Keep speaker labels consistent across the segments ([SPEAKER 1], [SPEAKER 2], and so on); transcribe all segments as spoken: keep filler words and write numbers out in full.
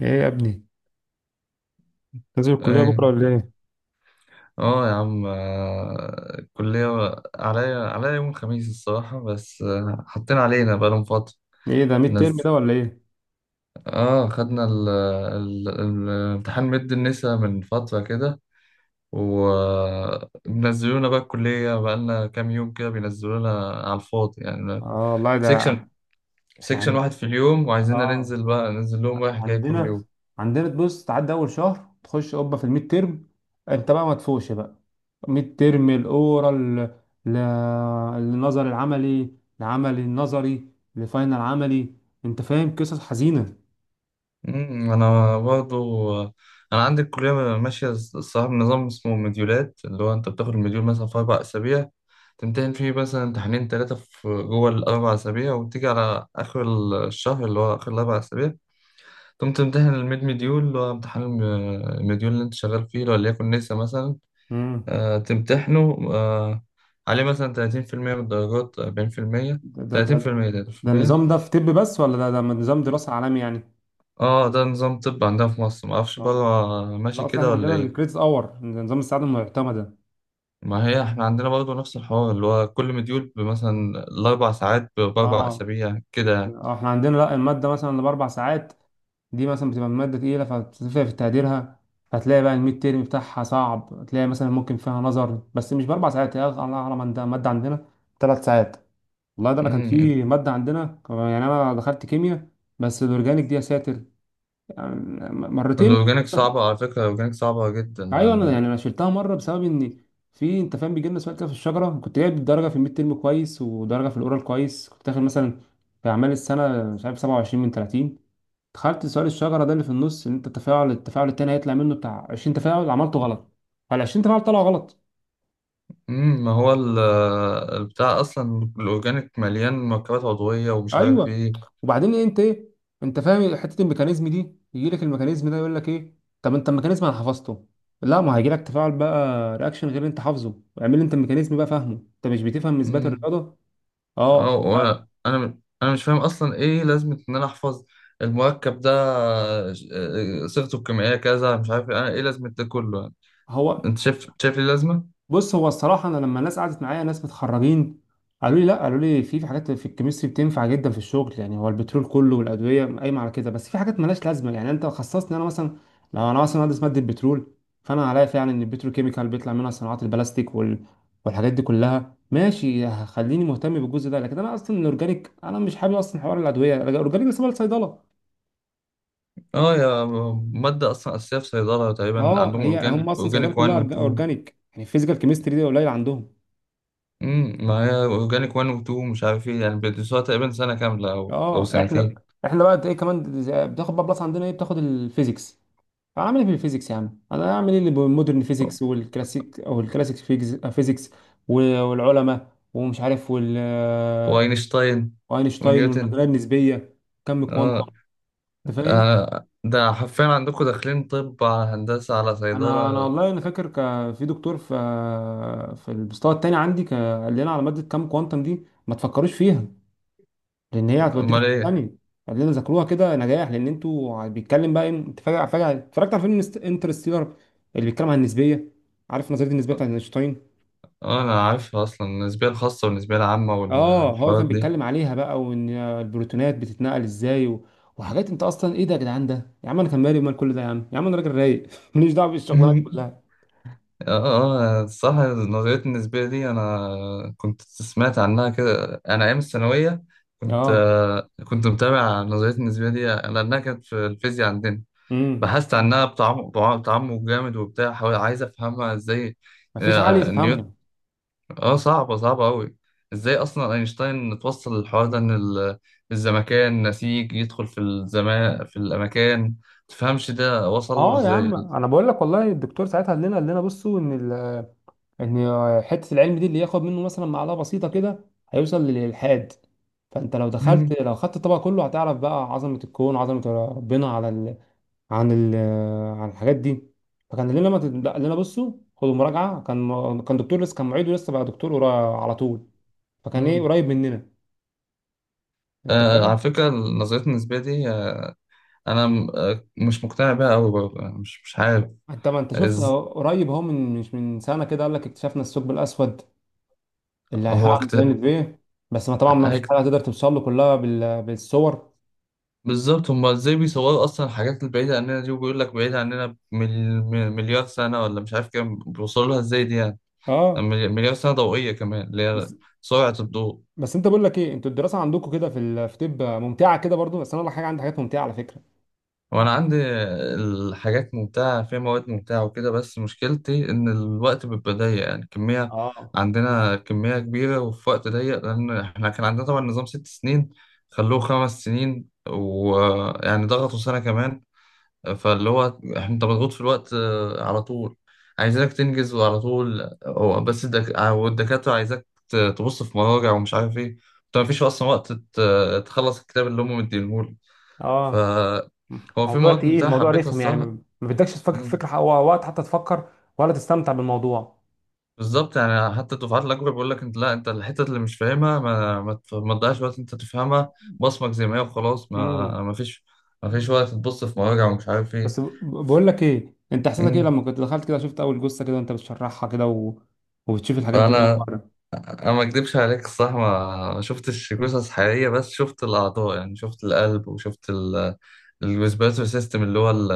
[SPEAKER 1] ايه يا ابني، نازل الكلية
[SPEAKER 2] ايه.
[SPEAKER 1] بكرة ولا ايه؟
[SPEAKER 2] اه يا عم، آه، الكلية عليا عليا يوم الخميس الصراحة، بس آه، حاطين علينا بقالهم فترة.
[SPEAKER 1] ايه ده ميد ترم
[SPEAKER 2] نز...
[SPEAKER 1] ده ولا ايه؟
[SPEAKER 2] اه، خدنا ال... ال... ال- امتحان مد النسا من فترة كده، وبنزلونا بقى الكلية بقالنا كام يوم كده بينزلونا على الفاضي يعني.
[SPEAKER 1] اه والله ده.
[SPEAKER 2] سيكشن
[SPEAKER 1] احنا
[SPEAKER 2] سيكشن
[SPEAKER 1] عن...
[SPEAKER 2] واحد في اليوم، وعايزيننا
[SPEAKER 1] اه
[SPEAKER 2] ننزل بقى ننزل لهم رايح جاي كل
[SPEAKER 1] عندنا.
[SPEAKER 2] يوم.
[SPEAKER 1] عندنا تبص تعدي اول شهر تخش قبة في الميد ترم. انت بقى ما تفوقش بقى. ميد ترم الاورال، ل... النظر العملي، العملي النظري، الفاينل عملي. انت فاهم؟ قصص حزينة.
[SPEAKER 2] أمم، انا برضو، انا عندي الكليه ماشيه الصراحه بنظام اسمه مديولات، اللي هو انت بتاخد المديول مثلا في اربع اسابيع، تمتحن فيه مثلا امتحانين ثلاثه في جوه الاربع اسابيع، وتيجي على اخر الشهر اللي هو اخر الاربع اسابيع تقوم تمتحن الميد مديول اللي هو امتحان الم- المديول اللي انت شغال فيه، لو ليكن نسا مثلا.
[SPEAKER 1] امم.
[SPEAKER 2] آه، تمتحنه. آه، عليه مثلا ثلاثين في المية من الدرجات، أربعين في المية،
[SPEAKER 1] ده ده ده
[SPEAKER 2] ثلاثين في المية،
[SPEAKER 1] ده
[SPEAKER 2] ثلاثين في المية.
[SPEAKER 1] النظام ده في طب بس ولا ده ده نظام دراسة عالمي يعني؟
[SPEAKER 2] اه، ده نظام طب عندنا في مصر، معرفش بره
[SPEAKER 1] اه،
[SPEAKER 2] ماشي
[SPEAKER 1] لا اصل
[SPEAKER 2] كده
[SPEAKER 1] احنا
[SPEAKER 2] ولا
[SPEAKER 1] عندنا
[SPEAKER 2] ايه.
[SPEAKER 1] الكريدت اور، نظام السعادة المعتمدة.
[SPEAKER 2] ما هي احنا عندنا برضه نفس الحوار، اللي هو كل مديول مثلا الأربع ساعات ب- بأربع
[SPEAKER 1] اه.
[SPEAKER 2] أسابيع كده.
[SPEAKER 1] آه، احنا عندنا لا، المادة مثلا اللي بأربع ساعات دي مثلا بتبقى مادة تقيلة فبتفرق في تقديرها. فتلاقي بقى الميد تيرم بتاعها صعب. تلاقي مثلا ممكن فيها نظر بس مش بأربع ساعات، هي الله أعلم. عندها مادة عندنا ثلاث ساعات. والله ده أنا كان
[SPEAKER 2] مم.
[SPEAKER 1] في مادة عندنا، يعني أنا دخلت كيمياء، بس الأورجانيك دي يا ساتر يعني. مرتين.
[SPEAKER 2] الأورجانيك صعبة على فكرة، الأورجانيك صعبة جدا
[SPEAKER 1] ايوه، انا
[SPEAKER 2] يعني.
[SPEAKER 1] يعني انا شلتها مره بسبب ان في، انت فاهم، بيجي لنا سؤال كده في الشجره. كنت جايب درجه في الميد ترم كويس ودرجه في الاورال كويس. كنت داخل مثلا في اعمال السنه مش عارف سبعة وعشرين من ثلاثين. دخلت سؤال الشجره ده اللي في النص، ان انت التفاعل التفاعل التاني هيطلع منه بتاع عشرين تفاعل، عملته غلط. فال عشرين تفاعل طلعوا غلط.
[SPEAKER 2] مم. ما هو ال- البتاع أصلا الأورجانيك مليان مركبات عضوية ومش عارف
[SPEAKER 1] ايوه.
[SPEAKER 2] إيه.
[SPEAKER 1] وبعدين إيه انت ايه، انت فاهم حته الميكانيزم دي؟ يجي لك الميكانيزم ده يقول لك ايه. طب انت الميكانيزم انا حفظته. لا، ما هيجي لك تفاعل بقى، رياكشن غير اللي انت حافظه. اعمل انت الميكانيزم بقى فاهمه. انت مش بتفهم اثبات
[SPEAKER 2] مم.
[SPEAKER 1] الرياضه. اه.
[SPEAKER 2] اه، وأنا- أنا أنا مش فاهم أصلا إيه لازمة إن أنا أحفظ المركب ده، آه، آه، صيغته الكيميائية كذا مش عارف إيه. أنا إيه لازمة ده كله؟
[SPEAKER 1] هو
[SPEAKER 2] أنت شايف شايف ليه لازمة؟
[SPEAKER 1] بص، هو الصراحه انا لما الناس قعدت معايا، ناس متخرجين، قالوا لي لا، قالوا لي في في حاجات في الكيمستري بتنفع جدا في الشغل. يعني هو البترول كله والادويه قايمه على كده، بس في حاجات مالهاش لازمه. يعني انت خصصني انا مثلا، لو انا مثلا مهندس ماده بترول، فانا هلاقي فعلا ان البتروكيميكال بيطلع منها صناعات البلاستيك وال... والحاجات دي كلها، ماشي، خليني مهتم بالجزء ده. لكن انا اصلا الاورجانيك انا مش حابب اصلا حوار الادويه، الاورجانيك ده سبب الصيدله.
[SPEAKER 2] اه يا مادة أصلا أساسية في صيدلة، تقريبا
[SPEAKER 1] اه،
[SPEAKER 2] عندهم
[SPEAKER 1] هي
[SPEAKER 2] أورجانيك،
[SPEAKER 1] هم اصلا صيدله
[SPEAKER 2] أورجانيك واحد
[SPEAKER 1] كلها
[SPEAKER 2] و
[SPEAKER 1] أورج-
[SPEAKER 2] اتنين.
[SPEAKER 1] اورجانيك يعني، الفيزيكال كيمستري دي قليل عندهم.
[SPEAKER 2] امم ما هي أورجانيك واحد و اتنين مش عارف إيه يعني، بيدرسوها تقريبا سنة كاملة أو أو
[SPEAKER 1] اه احنا،
[SPEAKER 2] سنتين.
[SPEAKER 1] احنا بقى ايه كمان زي- بتاخد بقى بلس عندنا، ايه، بتاخد الفيزيكس. هعمل ايه في الفيزيكس يا عم؟ انا هعمل ايه اللي بالمودرن فيزيكس والكلاسيك، او الكلاسيك فيجز- فيزيكس، و- والعلماء ومش عارف، وال
[SPEAKER 2] وأينشتاين.
[SPEAKER 1] واينشتاين
[SPEAKER 2] ونيوتن.
[SPEAKER 1] والنظريه النسبيه، كم كوانتم.
[SPEAKER 2] اه،
[SPEAKER 1] انت فاهم.
[SPEAKER 2] آه، ده حرفيا عندكم داخلين طب على هندسة على
[SPEAKER 1] انا انا
[SPEAKER 2] صيدلة.
[SPEAKER 1] والله انا فاكر، ك... في دكتور في، في المستوى التاني عندي، ك... قال لنا على ماده كم كوانتم دي، ما تفكروش فيها لان هي هتوديكوا
[SPEAKER 2] أمال
[SPEAKER 1] في
[SPEAKER 2] إيه؟
[SPEAKER 1] ثانيه. خلينا ذاكروها كده نجاح، لان انتوا بيتكلم بقى إيه. انت فجاه فجاه اتفرجت على فيلم انترستيلر اللي بيتكلم عن النسبيه، عارف نظريه النسبيه بتاعت اينشتاين.
[SPEAKER 2] اه، أنا عارفها أصلا، النسبية الخاصة والنسبية العامة
[SPEAKER 1] اه، هو كان
[SPEAKER 2] والحوارات
[SPEAKER 1] بيتكلم عليها بقى، وان البروتونات بتتنقل ازاي و... وحاجات، انت اصلا ايه ده يا جدعان؟ ده يا عم انا كان مالي مال كل ده، يا عم يا عم انا راجل رايق ماليش دعوه بالشغلانه دي
[SPEAKER 2] دي.
[SPEAKER 1] كلها.
[SPEAKER 2] اه، اه، صح، النظرية النسبية دي أنا كنت سمعت عنها كده، أنا أيام الثانوية كنت
[SPEAKER 1] اه.
[SPEAKER 2] آه، كنت متابع النظرية النسبية دي لأنها كانت في الفيزياء عندنا.
[SPEAKER 1] امم.
[SPEAKER 2] بحثت عنها بتعمق، بع- بتعمق جامد وبتاع، حاول عايز أفهمها إزاي.
[SPEAKER 1] مفيش عقل
[SPEAKER 2] آه، نيوتن.
[SPEAKER 1] يفهمها.
[SPEAKER 2] اه، صعبة صعبة أوي. إزاي أصلا أينشتاين توصل للحوار ده، إن ال- الزمكان نسيج يدخل في الزمان في الأماكن. متفهمش ده وصل له
[SPEAKER 1] اه يا
[SPEAKER 2] إزاي.
[SPEAKER 1] عم، انا بقول لك والله، الدكتور ساعتها قال لنا، قال لنا بصوا ان ال ان حته العلم دي اللي ياخد منه مثلا معلقه بسيطه كده هيوصل للالحاد. فانت لو دخلت، لو خدت الطبق كله، هتعرف بقى عظمه الكون، عظمه ربنا على ال... عن ال... عن الحاجات دي. فكان لنا، ما تت- قال لنا بصوا خدوا مراجعه. كان م... كان دكتور لسه، كان معيد ولسه بقى دكتور قرا- على طول، فكان ايه قريب مننا. انت
[SPEAKER 2] آه،
[SPEAKER 1] فاهم.
[SPEAKER 2] على فكرة نظرية النسبية دي، آه، أنا م- آه، مش مقتنع بيها أوي برضه، يعني مش مش عارف.
[SPEAKER 1] انت ما انت شفت
[SPEAKER 2] إز
[SPEAKER 1] أهو، قريب اهو، من مش من سنه كده قال لك اكتشفنا الثقب الاسود اللي
[SPEAKER 2] هو
[SPEAKER 1] هيحقق
[SPEAKER 2] كت...
[SPEAKER 1] ميزان في. بس ما طبعا ما فيش
[SPEAKER 2] هيك
[SPEAKER 1] حاجه هتقدر توصل له كلها بال... بالصور.
[SPEAKER 2] بالظبط، هما إزاي بيصوروا أصلا الحاجات البعيدة عننا دي؟ وبيقول لك بعيدة عننا بمل... مليار سنة ولا مش عارف كام، بيوصلوا لها إزاي دي يعني؟
[SPEAKER 1] اه.
[SPEAKER 2] ملي- مليار سنة ضوئية كمان، اللي هي
[SPEAKER 1] بس
[SPEAKER 2] سرعة الضوء.
[SPEAKER 1] بس انت، بقول لك ايه، انتوا الدراسه عندكم كده في ال- في طب ممتعه كده برضو، بس انا ولا حاجه، عندي حاجات ممتعه على فكره.
[SPEAKER 2] وانا عندي الحاجات ممتعة، فيها مواد ممتعة وكده، بس مشكلتي ان الوقت بيبقى ضيق يعني. كمية
[SPEAKER 1] اه.
[SPEAKER 2] عندنا كمية كبيرة وفي وقت ضيق، لان احنا كان عندنا طبعا نظام ست سنين، خلوه خمس سنين، ويعني ضغطوا سنة كمان. فاللي هو احنا، انت مضغوط في الوقت آه، على طول، عايزينك تنجز وعلى طول. هو بس الدك... آه، والدكاترة عايزاك ت- تبص في مراجع ومش عارف ايه. انت مفيش اصلا وقت ت- تخلص الكتاب اللي هم مديهولك.
[SPEAKER 1] اه،
[SPEAKER 2] فهو في
[SPEAKER 1] موضوع
[SPEAKER 2] مواد
[SPEAKER 1] تقيل،
[SPEAKER 2] منتهى
[SPEAKER 1] موضوع
[SPEAKER 2] حبيتها
[SPEAKER 1] رخم، يعني
[SPEAKER 2] الصح.
[SPEAKER 1] ما ما بدكش تفكر في
[SPEAKER 2] مم.
[SPEAKER 1] فكرة، ح- وقت حتى تفكر ولا تستمتع بالموضوع.
[SPEAKER 2] بالظبط يعني، حتى الدفعات الأكبر بيقول لك أنت لا، أنت الحتة اللي مش فاهمها ما ما تف- ما تضيعش وقت أنت تفهمها، بصمك زي ما هي وخلاص. ما
[SPEAKER 1] امم.
[SPEAKER 2] ما فيش، ما فيش
[SPEAKER 1] مم.
[SPEAKER 2] وقت تبص في مراجع ومش عارف إيه.
[SPEAKER 1] بس، ب- ب-
[SPEAKER 2] ف-
[SPEAKER 1] بقول لك ايه انت، احساسك ايه
[SPEAKER 2] مم.
[SPEAKER 1] لما كنت دخلت كده، شفت اول جثه كده وانت بتشرحها كده و... وبتشوف الحاجات دي اول
[SPEAKER 2] أنا
[SPEAKER 1] مره؟
[SPEAKER 2] انا ما اكدبش عليك الصح، ما ما شفتش جثث حقيقيه، بس شفت الاعضاء يعني، شفت القلب وشفت ال- الريسبيراتوري سيستم اللي هو ال-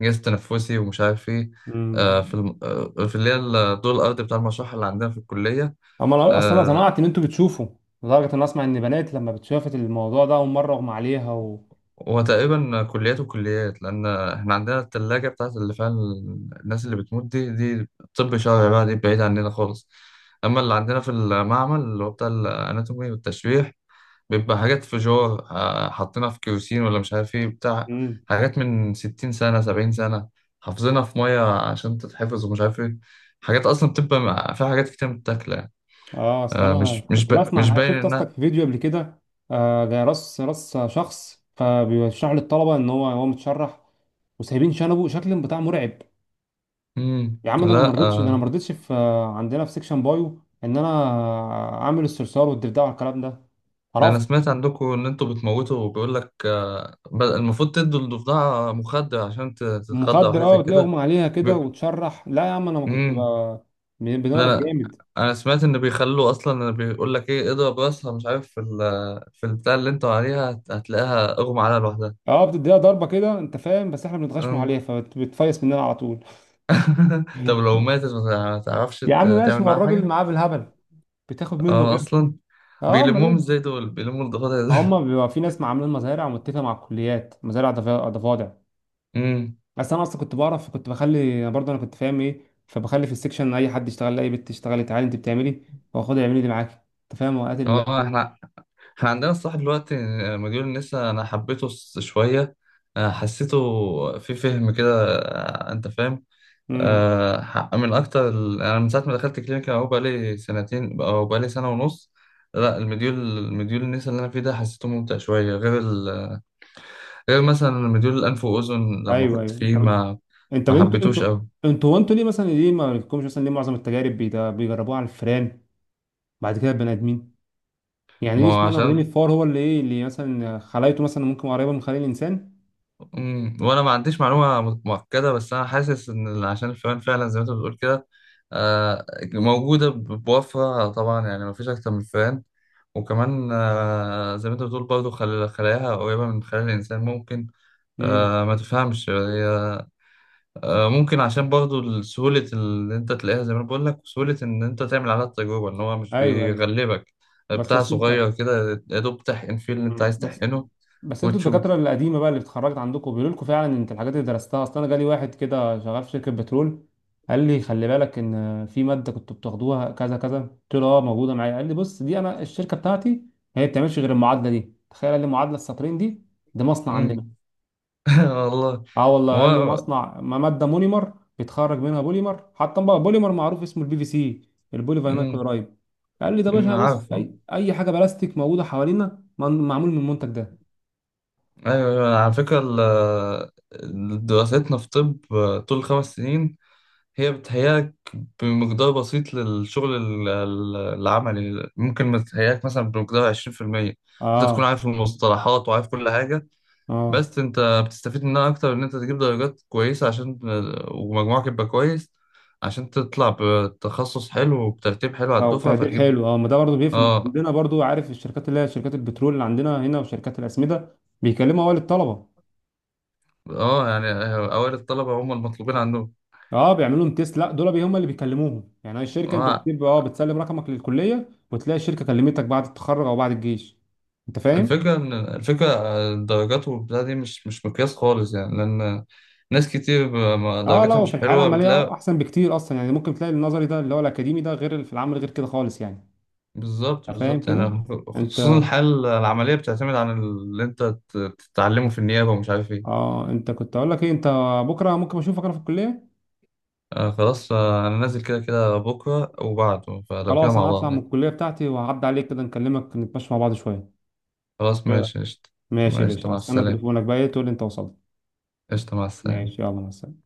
[SPEAKER 2] الجهاز التنفسي ومش عارف ايه. آه،
[SPEAKER 1] امم.
[SPEAKER 2] في الم... آه، في اللي هي الدور الارضي بتاع المشرحه اللي عندنا في الكليه.
[SPEAKER 1] اما انا اصلا انا
[SPEAKER 2] آه،
[SPEAKER 1] سمعت ان انتوا بتشوفوا لدرجه ان اسمع ان بنات لما بتشافت الموضوع ده اول مره اغمى عليها.
[SPEAKER 2] هو تقريبا كليات وكليات، لان احنا عندنا الثلاجه بتاعت اللي فيها الناس اللي بتموت دي دي طب شرعي بقى، دي بعيد عننا خالص. اما اللي عندنا في المعمل اللي هو بتاع الاناتومي والتشريح، بيبقى حاجات فيجور، آه، حاطينها في كيروسين ولا مش عارف ايه بتاع.
[SPEAKER 1] و...
[SPEAKER 2] حاجات من ستين سنة، سبعين سنة، حافظينها في مية عشان تتحفظ ومش عارف ايه. حاجات أصلا بتبقى مع- فيها حاجات كتير متاكلة يعني.
[SPEAKER 1] اه اصل
[SPEAKER 2] آه،
[SPEAKER 1] انا
[SPEAKER 2] مش مش
[SPEAKER 1] كنت
[SPEAKER 2] با...
[SPEAKER 1] بسمع
[SPEAKER 2] مش
[SPEAKER 1] عن حاجة-
[SPEAKER 2] باين
[SPEAKER 1] شفت اصلك
[SPEAKER 2] إنها.
[SPEAKER 1] في فيديو قبل كده. آه، ده راس راس شخص، فبيشرح للطلبه ان هو هو متشرح وسايبين شنبه، شكل بتاع مرعب.
[SPEAKER 2] مم.
[SPEAKER 1] يا عم ده انا ما
[SPEAKER 2] لا،
[SPEAKER 1] رضيتش، ده انا
[SPEAKER 2] آه،
[SPEAKER 1] ما رضيتش في، عندنا في سيكشن بايو، ان انا اعمل الصرصار والضفدع والكلام ده.
[SPEAKER 2] ده أنا
[SPEAKER 1] عرفت.
[SPEAKER 2] سمعت عندكم إن أنتوا بتموتوا، وبيقول لك آه، ب- المفروض تدوا الضفدعة مخدر عشان ت- تتخدر أو
[SPEAKER 1] مخدر،
[SPEAKER 2] حاجة
[SPEAKER 1] اه،
[SPEAKER 2] زي
[SPEAKER 1] وتلاقي
[SPEAKER 2] كده.
[SPEAKER 1] اغمى عليها كده وتشرح. لا يا عم انا ما كنت ب...
[SPEAKER 2] بي...
[SPEAKER 1] بن- بنعرف
[SPEAKER 2] انا
[SPEAKER 1] جامد.
[SPEAKER 2] انا سمعت ان بيخلوا اصلا، بيقول لك ايه اضرب راسها، مش عارف في ال... في البتاع اللي انتوا عليها هت- هتلاقيها اغمى عليها لوحدها.
[SPEAKER 1] اه، بتديها ضربه كده انت فاهم، بس احنا بنتغشموا عليها
[SPEAKER 2] أم.
[SPEAKER 1] فبتفيس مننا على طول.
[SPEAKER 2] طب لو ماتت ما تعرفش
[SPEAKER 1] يا عم
[SPEAKER 2] ت-
[SPEAKER 1] ماشي،
[SPEAKER 2] تعمل
[SPEAKER 1] ما هو
[SPEAKER 2] معاها
[SPEAKER 1] الراجل
[SPEAKER 2] حاجه.
[SPEAKER 1] معاه بالهبل، بتاخد منه
[SPEAKER 2] اه،
[SPEAKER 1] غير.
[SPEAKER 2] اصلا
[SPEAKER 1] اه، امال
[SPEAKER 2] بيلموهم
[SPEAKER 1] ايه.
[SPEAKER 2] ازاي دول؟ بيلموا الضفادع ازاي؟
[SPEAKER 1] هم بيبقى في ناس عاملين مزارع ومتفقه مع الكليات، مزارع ضفا- ضفادع.
[SPEAKER 2] امم
[SPEAKER 1] بس انا اصلا كنت بعرف، كنت بخلي، انا برضه انا كنت فاهم ايه، فبخلي في السكشن اي حد يشتغل، اي بنت تشتغلي تعالي انت بتعملي، واخدها اعملي دي معاكي. انت فاهم وقت ال.
[SPEAKER 2] اه، احنا احنا عندنا الصح دلوقتي. آه، مديول النسا انا حبيته س- شويه، آه، حسيته في فهم كده، آه، انت فاهم.
[SPEAKER 1] امم.
[SPEAKER 2] آه، حق من اكتر ال- انا من ساعه ما دخلت كلينيكا اهو، بقالي سنتين او بقالي سنه ونص. لا، المديول المديول النسا اللي انا فيه ده حسيته ممتع شويه، غير ال... غير مثلا مديول الانف واذن لما
[SPEAKER 1] ايوه
[SPEAKER 2] كنت
[SPEAKER 1] ايوه.
[SPEAKER 2] فيه
[SPEAKER 1] طب
[SPEAKER 2] ما
[SPEAKER 1] انت،
[SPEAKER 2] ما
[SPEAKER 1] انتوا
[SPEAKER 2] حبيتوش
[SPEAKER 1] انتوا
[SPEAKER 2] قوي.
[SPEAKER 1] انتوا وانتوا ليه مثلا، ليه ما لكمش، مثلا ليه معظم التجارب بيدا- بيجربوها على الفئران بعد كده البني ادمين؟ يعني
[SPEAKER 2] ما
[SPEAKER 1] ليه،
[SPEAKER 2] هو
[SPEAKER 1] اشمعنى واخدين
[SPEAKER 2] عشان
[SPEAKER 1] الفار، هو اللي ايه، اللي مثلا خلايته مثلا ممكن قريبه من خلايا الانسان.
[SPEAKER 2] مم. وانا ما عنديش معلومه مؤكده، بس انا حاسس ان عشان الفئران فعلا زي ما انت بتقول كده، آه، موجوده ب- بوفرة طبعا يعني، ما فيش اكتر من الفئران. وكمان آه، زي ما انت بتقول برضه، خل- خلاياها قريبه من خلايا الانسان ممكن.
[SPEAKER 1] امم.
[SPEAKER 2] آه، ما تفهمش هي. آه، ممكن عشان برضه سهوله اللي انت تلاقيها زي ما انا بقول لك، وسهوله ان انت تعمل عليها التجربه، ان هو مش
[SPEAKER 1] ايوه ايوه.
[SPEAKER 2] بيغلبك.
[SPEAKER 1] بس
[SPEAKER 2] بتاع
[SPEAKER 1] بس انت،
[SPEAKER 2] صغير كده يا دوب تحقن فيه اللي انت
[SPEAKER 1] مم.
[SPEAKER 2] عايز
[SPEAKER 1] بس
[SPEAKER 2] تحقنه،
[SPEAKER 1] بس انتوا
[SPEAKER 2] وتشوف.
[SPEAKER 1] الدكاتره القديمه بقى اللي اتخرجت عندكم، بيقولوا لكم فعلا انت الحاجات اللي درستها؟ اصل انا جالي واحد كده شغال في شركه بترول، قال لي خلي بالك ان في ماده كنتوا بتاخدوها كذا كذا. قلت له اه موجوده معايا. قال لي بص، دي انا الشركه بتاعتي هي ما بتعملش غير المعادله دي، تخيل. قال لي معادله السطرين دي، ده مصنع عندنا.
[SPEAKER 2] مم. والله
[SPEAKER 1] اه والله، قال لي
[SPEAKER 2] هو
[SPEAKER 1] مصنع، ما ماده مونيمر بيتخرج منها بوليمر، حتى بقى بوليمر معروف اسمه البي في سي، البولي فينيل
[SPEAKER 2] مم،
[SPEAKER 1] كلورايد. قال لي ده
[SPEAKER 2] مم،
[SPEAKER 1] باشا، بص،
[SPEAKER 2] عارفه،
[SPEAKER 1] اي اي حاجه بلاستيك موجوده حوالينا من- معمول من المنتج ده.
[SPEAKER 2] ايوه، أيوة. على فكره ال- ال- دراستنا في طب طول الخمس سنين هي بتهيأك بمقدار بسيط للشغل ال- ال- العملي، ممكن ما تهيأك مثلا بمقدار عشرين في المية. انت تكون
[SPEAKER 1] اه.
[SPEAKER 2] عارف المصطلحات وعارف كل حاجه،
[SPEAKER 1] اه.
[SPEAKER 2] بس انت بتستفيد منها اكتر ان انت تجيب درجات كويسه، عشان ومجموعك يبقى كويس، عشان تطلع بتخصص حلو وبترتيب حلو على
[SPEAKER 1] اه
[SPEAKER 2] الدفعه
[SPEAKER 1] تقدير
[SPEAKER 2] فتجيب.
[SPEAKER 1] حلو. اه، ما ده برضه بيفرق، ما
[SPEAKER 2] اه،
[SPEAKER 1] عندنا برضه، عارف الشركات اللي هي شركات البترول اللي عندنا هنا وشركات الاسمده، بيكلموا اول الطلبه.
[SPEAKER 2] اه يعني اوائل الطلبة هم المطلوبين عندهم.
[SPEAKER 1] اه بيعملوا لهم تيست؟ لا، دول بي- هم اللي بيكلموهم يعني، هي الشركه، انت
[SPEAKER 2] آه،
[SPEAKER 1] بتكتب اه، بتسلم رقمك للكليه، وتلاقي الشركه كلمتك بعد التخرج او بعد الجيش. انت فاهم.
[SPEAKER 2] الفكرة ان، الفكرة الدرجات والبتاع دي مش مش مقياس خالص يعني، لان ناس كتير ب- ما-
[SPEAKER 1] اه لا،
[SPEAKER 2] درجاتها مش
[SPEAKER 1] وفي الحياه
[SPEAKER 2] حلوة
[SPEAKER 1] العمليه
[SPEAKER 2] بتلاقي.
[SPEAKER 1] احسن بكتير اصلا يعني. ممكن تلاقي النظري ده اللي هو الاكاديمي ده، غير اللي في العمل، غير كده خالص يعني.
[SPEAKER 2] بالظبط
[SPEAKER 1] انت فاهم
[SPEAKER 2] بالظبط
[SPEAKER 1] كده.
[SPEAKER 2] يعني، خصوصا
[SPEAKER 1] انت،
[SPEAKER 2] الحالة العملية بتعتمد على اللي انت ت- تتعلمه في النيابة ومش عارف ايه.
[SPEAKER 1] اه انت، كنت اقول لك ايه، انت بكره ممكن اشوفك انا في الكليه.
[SPEAKER 2] آه خلاص، آه، انا نازل كده كده بكرة وبعده، فلو كده
[SPEAKER 1] خلاص،
[SPEAKER 2] مع
[SPEAKER 1] انا هطلع
[SPEAKER 2] بعض
[SPEAKER 1] من
[SPEAKER 2] يعني.
[SPEAKER 1] الكليه بتاعتي وهعدي عليك كده، نكلمك نتمشى مع بعض شويه.
[SPEAKER 2] خلاص، ماشي، قشطة.
[SPEAKER 1] ماشي يا
[SPEAKER 2] ماشي،
[SPEAKER 1] باشا،
[SPEAKER 2] مع
[SPEAKER 1] هستنى
[SPEAKER 2] السلامة.
[SPEAKER 1] تليفونك بقى، ايه، تقول لي انت وصلت.
[SPEAKER 2] قشطة، مع
[SPEAKER 1] ماشي،
[SPEAKER 2] السلامة.
[SPEAKER 1] يلا، مع السلامه.